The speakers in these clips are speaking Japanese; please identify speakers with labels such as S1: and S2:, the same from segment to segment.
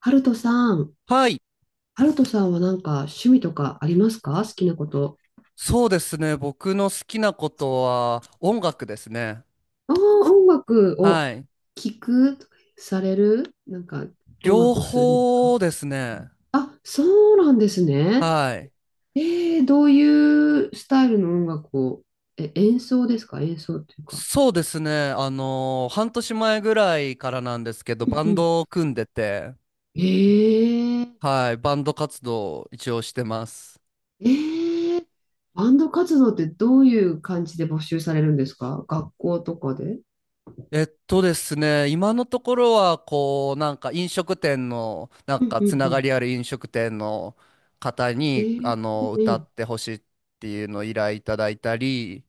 S1: ハルトさん。
S2: はい。
S1: ハルトさんはなんか趣味とかありますか？好きなこと。
S2: そうですね。僕の好きなことは音楽ですね。
S1: ああ、音楽を
S2: はい。
S1: 聴く、されるなんか音
S2: 両
S1: 楽をするんですか？
S2: 方ですね。
S1: あ、そうなんですね。
S2: はい。
S1: えどういうスタイルの音楽を、演奏ですか？演奏っていうか。
S2: そうですね。半年前ぐらいからなんですけど、
S1: うん
S2: バ
S1: う
S2: ン
S1: ん。
S2: ドを組んでて、
S1: えー、
S2: はい。バンド活動を一応してます。
S1: えー、バンド活動ってどういう感じで募集されるんですか？学校とかで。
S2: えっとですね、今のところは、こう、なんか飲食店の、な
S1: う
S2: ん
S1: ん
S2: か
S1: う
S2: つ
S1: んう
S2: なが
S1: ん。
S2: りある飲食店の方
S1: え
S2: に、あ
S1: ー、え
S2: の、歌
S1: ー、
S2: ってほしいっていうのを依頼いただいたり、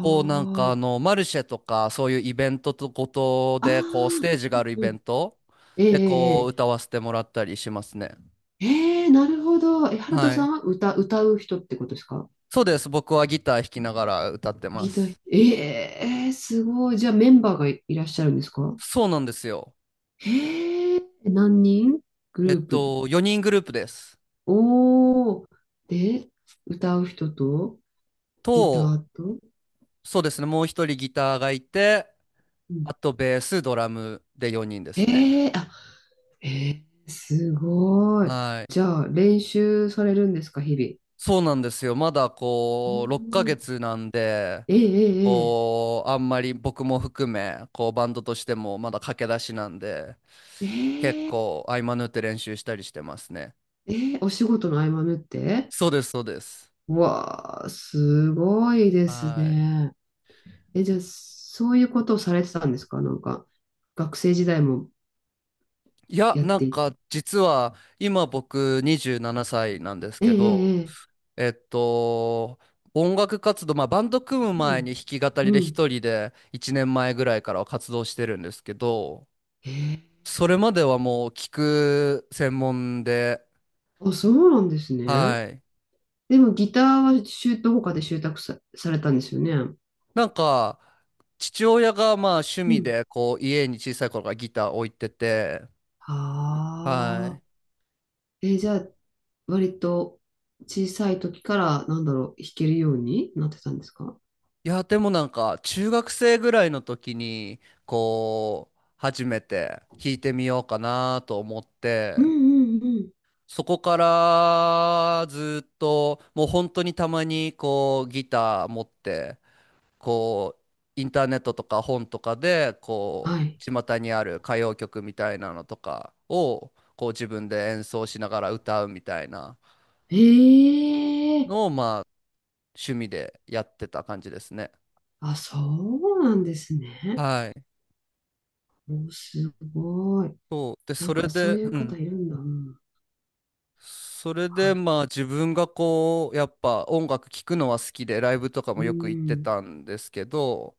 S2: こうなんかあ
S1: あ。
S2: の、マルシェとか、そういうイベントとごと
S1: あ
S2: で、こう、ス
S1: あ、
S2: テージ
S1: う
S2: があ
S1: ん
S2: るイ
S1: う
S2: ベ
S1: ん。
S2: ント
S1: え
S2: で、こう、
S1: え
S2: 歌わせてもらったりしますね。
S1: ええええ、なるほど。ハルト
S2: は
S1: さ
S2: い。
S1: んは歌う人ってことですか？
S2: そうです。僕はギター弾きながら歌ってま
S1: ギター、
S2: す。
S1: ええすごい。じゃあメンバーがいらっしゃるんですか？
S2: そうなんですよ。
S1: へえ、何人グ
S2: えっ
S1: ループ？
S2: と、4人グループです。
S1: おー。で、歌う人と、ギタ
S2: と、
S1: ーと。
S2: そうですね。もう一人ギターがいて、
S1: うん
S2: あとベース、ドラムで4人ですね。
S1: ええ、あ、ええすごい。
S2: はい。
S1: じゃあ練習されるんですか、日々。
S2: そうなんですよ。まだ
S1: う
S2: こう、6ヶ
S1: ん、
S2: 月なんで、
S1: えええ
S2: こう、あんまり僕も含め、こう、バンドとしてもまだ駆け出しなんで、
S1: え
S2: 結
S1: ええええ
S2: 構合間縫って練習したりしてますね。
S1: えー、お仕事の合間縫って？
S2: そうです、そうです。
S1: うわあ、すごいです
S2: はい。
S1: ね。じゃあ、そういうことをされてたんですかなんか、学生時代も
S2: いや、
S1: やっ
S2: な
S1: て
S2: ん
S1: いて。
S2: か、実は、今僕27歳ななさいなんです
S1: ええ
S2: け
S1: え
S2: ど、
S1: えええ、
S2: えっと、音楽活動、まあ、バンド組む
S1: う
S2: 前に
S1: ん。
S2: 弾き語り
S1: う
S2: で
S1: ん。
S2: 一人で1年前ぐらいからは活動してるんですけど、
S1: ええ、
S2: それまではもう聞く専門で、
S1: あ、そうなんですね。
S2: はい。
S1: でも、ギターは習得、他で習得さ、されたんですよね。
S2: なんか、父親がまあ趣
S1: う
S2: 味
S1: ん。
S2: で、こう、家に小さい頃からギター置いてて、は
S1: はあ。
S2: い。
S1: じゃあ、割と小さい時から、なんだろう、弾けるようになってたんですか？
S2: いや、でもなんか、中学生ぐらいの時に、こう、初めて弾いてみようかなと思っ
S1: うん
S2: て、
S1: うんうん。
S2: そこからずっと、もう本当にたまにこう、ギター持って、こうインターネットとか本とかでこ
S1: はい。
S2: う巷にある歌謡曲みたいなのとかをこう自分で演奏しながら歌うみたいな
S1: ええ、
S2: のをまあ趣味でやってた感じですね。
S1: あ、そうなんですね。
S2: はい。
S1: お、すごい。
S2: そうで
S1: な
S2: そ
S1: ん
S2: れ
S1: かそう
S2: で、
S1: いう
S2: うん、
S1: 方いるんだ。うん。
S2: それ
S1: は
S2: で
S1: い。
S2: まあ自分がこうやっぱ音楽聴くのは好きでライブとか
S1: う
S2: もよく行って
S1: ん。
S2: たんですけど、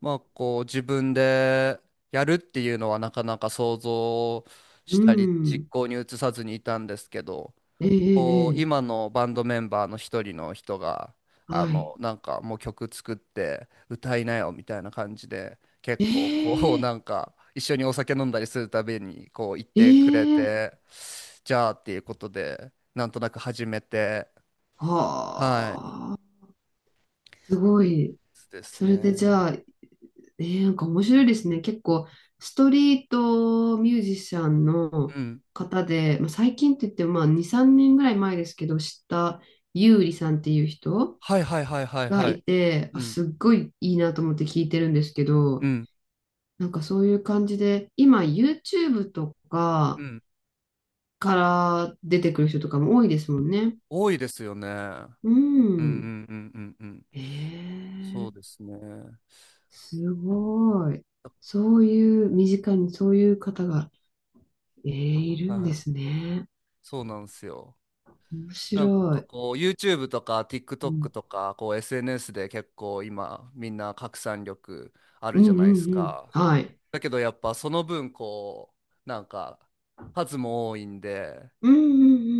S2: まあこう自分でやるっていうのはなかなか想像
S1: う
S2: したり実
S1: ん。
S2: 行に移さずにいたんですけど、
S1: え
S2: こう
S1: えええ、
S2: 今のバンドメンバーの一人の人があ
S1: はい。
S2: の、なんかもう曲作って歌いなよみたいな感じで結
S1: え
S2: 構こう
S1: え
S2: なんか一緒にお酒飲んだりするたびにこう言ってくれ
S1: ええ、
S2: て、じゃあっていうことでなんとなく始めて、はい
S1: はあ。すごい。
S2: です
S1: それでじ
S2: ね。
S1: ゃあ、ええ、なんか面白いですね。結構、ストリートミュージシャンの
S2: うん。
S1: 方で、まあ、最近って言っても、まあ、2、3年ぐらい前ですけど、知ったゆうりさんっていう人。
S2: はいはいはいはい
S1: が
S2: はい。
S1: いて、
S2: う
S1: あ、
S2: ん
S1: すっごいいいなと思って聞いてるんですけ
S2: う
S1: ど、
S2: ん
S1: なんかそういう感じで、今 YouTube と
S2: う
S1: か
S2: ん。
S1: から出てくる人とかも多いですもんね。
S2: 多いですよね。うん
S1: う
S2: う
S1: ん。
S2: んうんうんうん。
S1: え
S2: そう
S1: ー、
S2: ですね。
S1: すごい。そういう、身近にそういう方が、いるんで
S2: はい。
S1: すね。
S2: そうなんですよ。
S1: 面白
S2: なんか
S1: い。
S2: こう YouTube とか
S1: う
S2: TikTok
S1: ん、
S2: とかこう SNS で結構今みんな拡散力あ
S1: う
S2: る
S1: んう
S2: じゃないです
S1: んうん。
S2: か。
S1: はい。
S2: だけどやっぱその分こうなんか数も多いんで、
S1: うん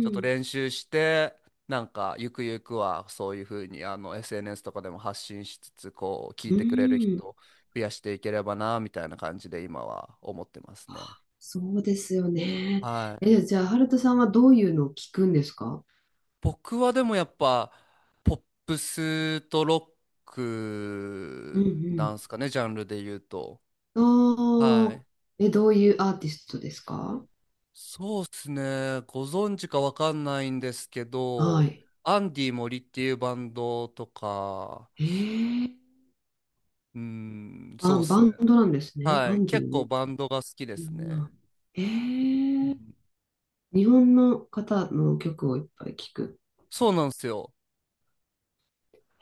S2: ちょっと
S1: ん
S2: 練習して、なんかゆくゆくはそういうふうにあの SNS とかでも発信しつつ、こう聞い
S1: うん。
S2: てくれる
S1: うん。
S2: 人を増やしていければな、みたいな感じで今は思ってますね。
S1: そうですよね。
S2: はい。
S1: じゃあ、ハルトさんはどういうのを聞くんですか？
S2: 僕はでもやっぱポップスとロッ
S1: う
S2: クなん
S1: ん
S2: すかね、ジャンルで言うと。
S1: う
S2: は
S1: ん。ああ、
S2: い。
S1: どういうアーティストですか？
S2: そうっすね。ご存知かわかんないんですけ
S1: は
S2: ど、
S1: い。
S2: アンディ・森っていうバンドとか、
S1: ええ、バ
S2: そうっ
S1: ン、
S2: す
S1: バ
S2: ね。
S1: ンドなんですね。
S2: は
S1: ア
S2: い。
S1: ンデ
S2: 結
S1: ィ
S2: 構
S1: も。
S2: バンドが好きで
S1: な
S2: す
S1: んな。
S2: ね。
S1: え
S2: うん。
S1: え、日本の方の曲をいっぱい聴く。
S2: そうなんですよ。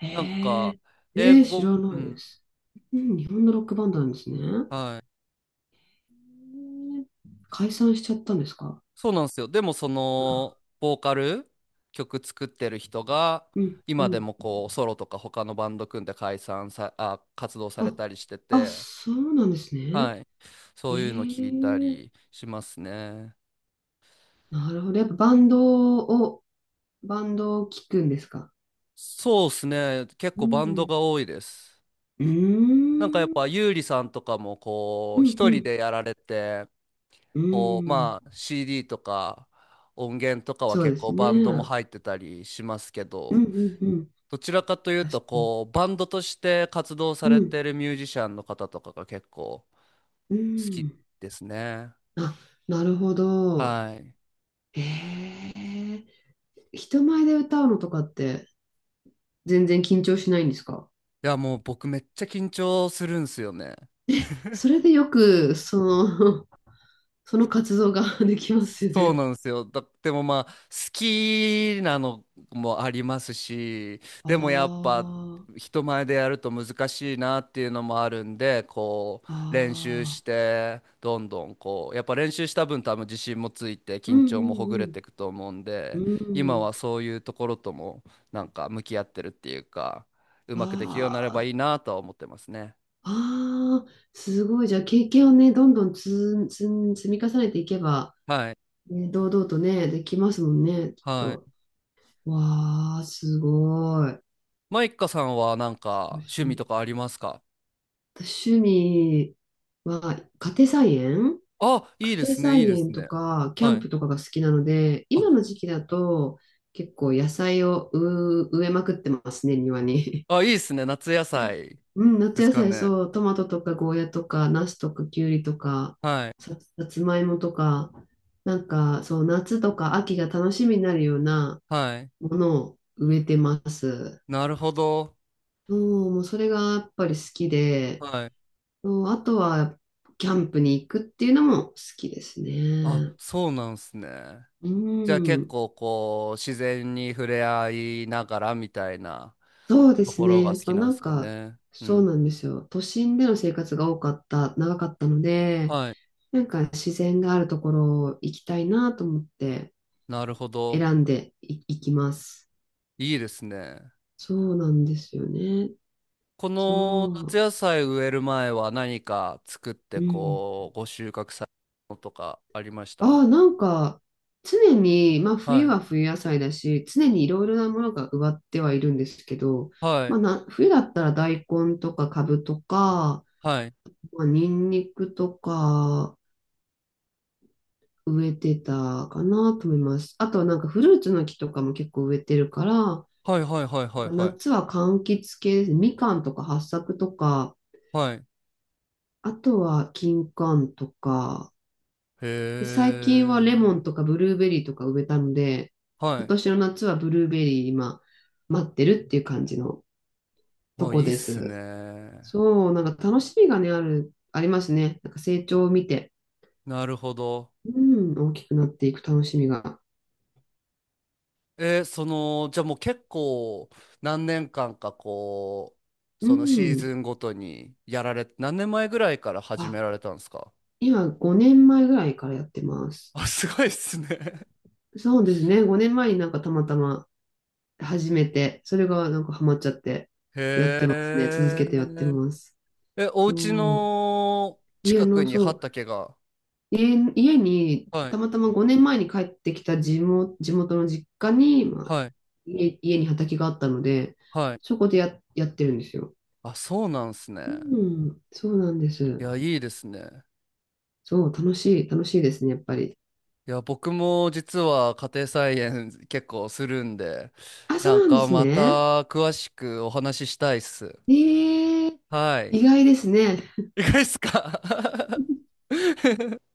S1: え
S2: なんか、
S1: え
S2: 英
S1: ええ、知
S2: 語、
S1: ら
S2: う
S1: ないで
S2: ん。
S1: す。うん、日本のロックバンドなんですね。え
S2: はい。
S1: え、解散しちゃったんですか？
S2: そうなんですよ。でもそ
S1: あら。
S2: の、ボーカル、曲作ってる人が、
S1: うん、う
S2: 今で
S1: ん。
S2: もこう、ソロとか他のバンド組んで解散さ、あ、活動され
S1: あ、
S2: たりして
S1: あ、
S2: て、
S1: そうなんですね。
S2: はい。
S1: え
S2: そういうの聞いた
S1: え、
S2: りしますね。
S1: なるほど。やっぱバンドを聴くんですか？
S2: そうですね。結
S1: う
S2: 構バンド
S1: ん。
S2: が多いです。
S1: う
S2: なんかやっ
S1: ーん。
S2: ぱ、ゆうりさんとかもこ
S1: う
S2: う、
S1: んう
S2: 一人
S1: ん。
S2: でやられて、
S1: う
S2: こう、
S1: ーん。
S2: まあ CD とか音源とかは
S1: そうで
S2: 結
S1: す
S2: 構
S1: ね。
S2: バンド
S1: う
S2: も
S1: ん
S2: 入ってたりしますけ
S1: うん
S2: ど、
S1: うん。
S2: どちらかという
S1: 確
S2: と
S1: かに。
S2: こうバンドとして活動さ
S1: う
S2: れ
S1: ん。
S2: てるミュージシャンの方とかが結構好
S1: う
S2: き
S1: ん。
S2: ですね。
S1: あ、なるほど。
S2: はい。い
S1: へえ。人前で歌うのとかって全然緊張しないんですか？
S2: やもう僕めっちゃ緊張するんすよね。
S1: それでよく、その、その活動が できますよ
S2: そう
S1: ね。
S2: なんですよ。だでもまあ好きなのもありますし、
S1: あ
S2: でもやっぱ人前でやると難しいなっていうのもあるんでこ
S1: あ。
S2: う練習し
S1: ああ。
S2: て、どんどんこうやっぱ練習した分多分自信もついて
S1: う
S2: 緊
S1: ん
S2: 張
S1: う
S2: もほぐれて
S1: ん
S2: いくと思うん
S1: う
S2: で、
S1: ん。う
S2: 今は
S1: ん。
S2: そういうところともなんか向き合ってるっていうか、うまくできるようになれば
S1: わ
S2: いいなとは思ってますね。
S1: ああ、すごい。じゃあ、経験をね、どんどん積み重ねていけば、
S2: はい。
S1: ね、堂々とね、できますもんね、きっ
S2: は
S1: と。
S2: い。
S1: わあ、すごい。
S2: マイカさんはなん
S1: す
S2: か
S1: ごい趣
S2: 趣味と
S1: 味。
S2: かありますか？
S1: 私、趣味は、家庭菜園
S2: あ、い
S1: 家
S2: いで
S1: 庭
S2: すね、いい
S1: 菜
S2: で
S1: 園
S2: す
S1: と
S2: ね。
S1: か、キャ
S2: は
S1: ン
S2: い。
S1: プとかが好きなので、
S2: あ、
S1: 今の時期だと、結構野菜を植えまくってますね、庭に。
S2: あ、いいですね。夏野菜
S1: うん、
S2: で
S1: 夏
S2: す
S1: 野
S2: か
S1: 菜、
S2: ね。
S1: そう、トマトとかゴーヤとか、ナスとかキュウリとか、
S2: はい。
S1: さつまいもとか、なんか、そう、夏とか秋が楽しみになるような
S2: はい。
S1: ものを植えてます。
S2: なるほど。
S1: そう、もうそれがやっぱり好きで、
S2: はい。
S1: そう、あとは、キャンプに行くっていうのも好きです
S2: あ、
S1: ね。
S2: そうなんですね。
S1: う
S2: じゃあ結
S1: ん、
S2: 構こう、自然に触れ合いながらみたいな
S1: そうで
S2: と
S1: す
S2: こ
S1: ね。
S2: ろ
S1: や
S2: が
S1: っ
S2: 好き
S1: ぱ
S2: なん
S1: な
S2: で
S1: ん
S2: すか
S1: か、
S2: ね。う
S1: そうな
S2: ん。
S1: んですよ。都心での生活が多かった、長かったので、
S2: はい。
S1: なんか自然があるところを行きたいなと思って
S2: なるほど。
S1: 選んでい、行きます。
S2: いいですね。
S1: そうなんですよね。
S2: この夏
S1: そ
S2: 野菜植える前は何か作って
S1: う。うん。
S2: こう、ご収穫されたのとかありまし
S1: あ
S2: た？
S1: あ、なんか常に、まあ
S2: は
S1: 冬
S2: い。
S1: は冬野菜だし、常にいろいろなものが植わってはいるんですけど、
S2: はい。
S1: まあな、冬だったら大根とかカブとか、
S2: はい。
S1: まあ、ニンニクとか植えてたかなと思います。あとはなんかフルーツの木とかも結構植えてるから、
S2: はいはいはいはいはい。
S1: 夏は柑橘系です。みかんとか八朔とか、
S2: はい。
S1: あとは金柑とか、
S2: へ
S1: 最近はレモン
S2: え。
S1: とかブルーベリーとか植えたので、
S2: は
S1: 今
S2: い。
S1: 年の夏はブルーベリー今待ってるっていう感じのと
S2: まあい
S1: こ
S2: いっ
S1: で
S2: す
S1: す。
S2: ね。
S1: そう、なんか楽しみがね、ありますね。なんか成長を見て、
S2: なるほど。
S1: うん、大きくなっていく楽しみが。
S2: えー、その、じゃあもう結構何年間かこう、
S1: う
S2: そのシー
S1: ん。
S2: ズンごとにやられ、何年前ぐらいから始め
S1: あ、
S2: られたんですか？
S1: 今5年前ぐらいからやってま す。
S2: あ、すごいっすね。
S1: そうですね。5年前になんかたまたま始めて、それがなんかハマっちゃって、やっ
S2: へ
S1: てますね。続けてやって
S2: え。
S1: ます。
S2: え、お家
S1: そう。
S2: の
S1: 家
S2: 近く
S1: の、
S2: に
S1: そう、
S2: 畑が。
S1: 家に、
S2: はい。
S1: たまたま5年前に帰ってきた地元の実家に、まあ、
S2: はい。
S1: 家に畑があったので、
S2: はい。
S1: そこでやってるんですよ。
S2: あ、そうなんす
S1: う
S2: ね。
S1: ん、そうなんで
S2: い
S1: す。
S2: や、いいですね。
S1: そう、楽しいですね、やっぱり。
S2: いや、僕も実は家庭菜園結構するんで、
S1: あ、そ
S2: な
S1: う
S2: ん
S1: なんで
S2: か
S1: す
S2: ま
S1: ね。
S2: た詳しくお話ししたいっす。
S1: ええ、
S2: はい。
S1: 意外ですね。
S2: いかがですか？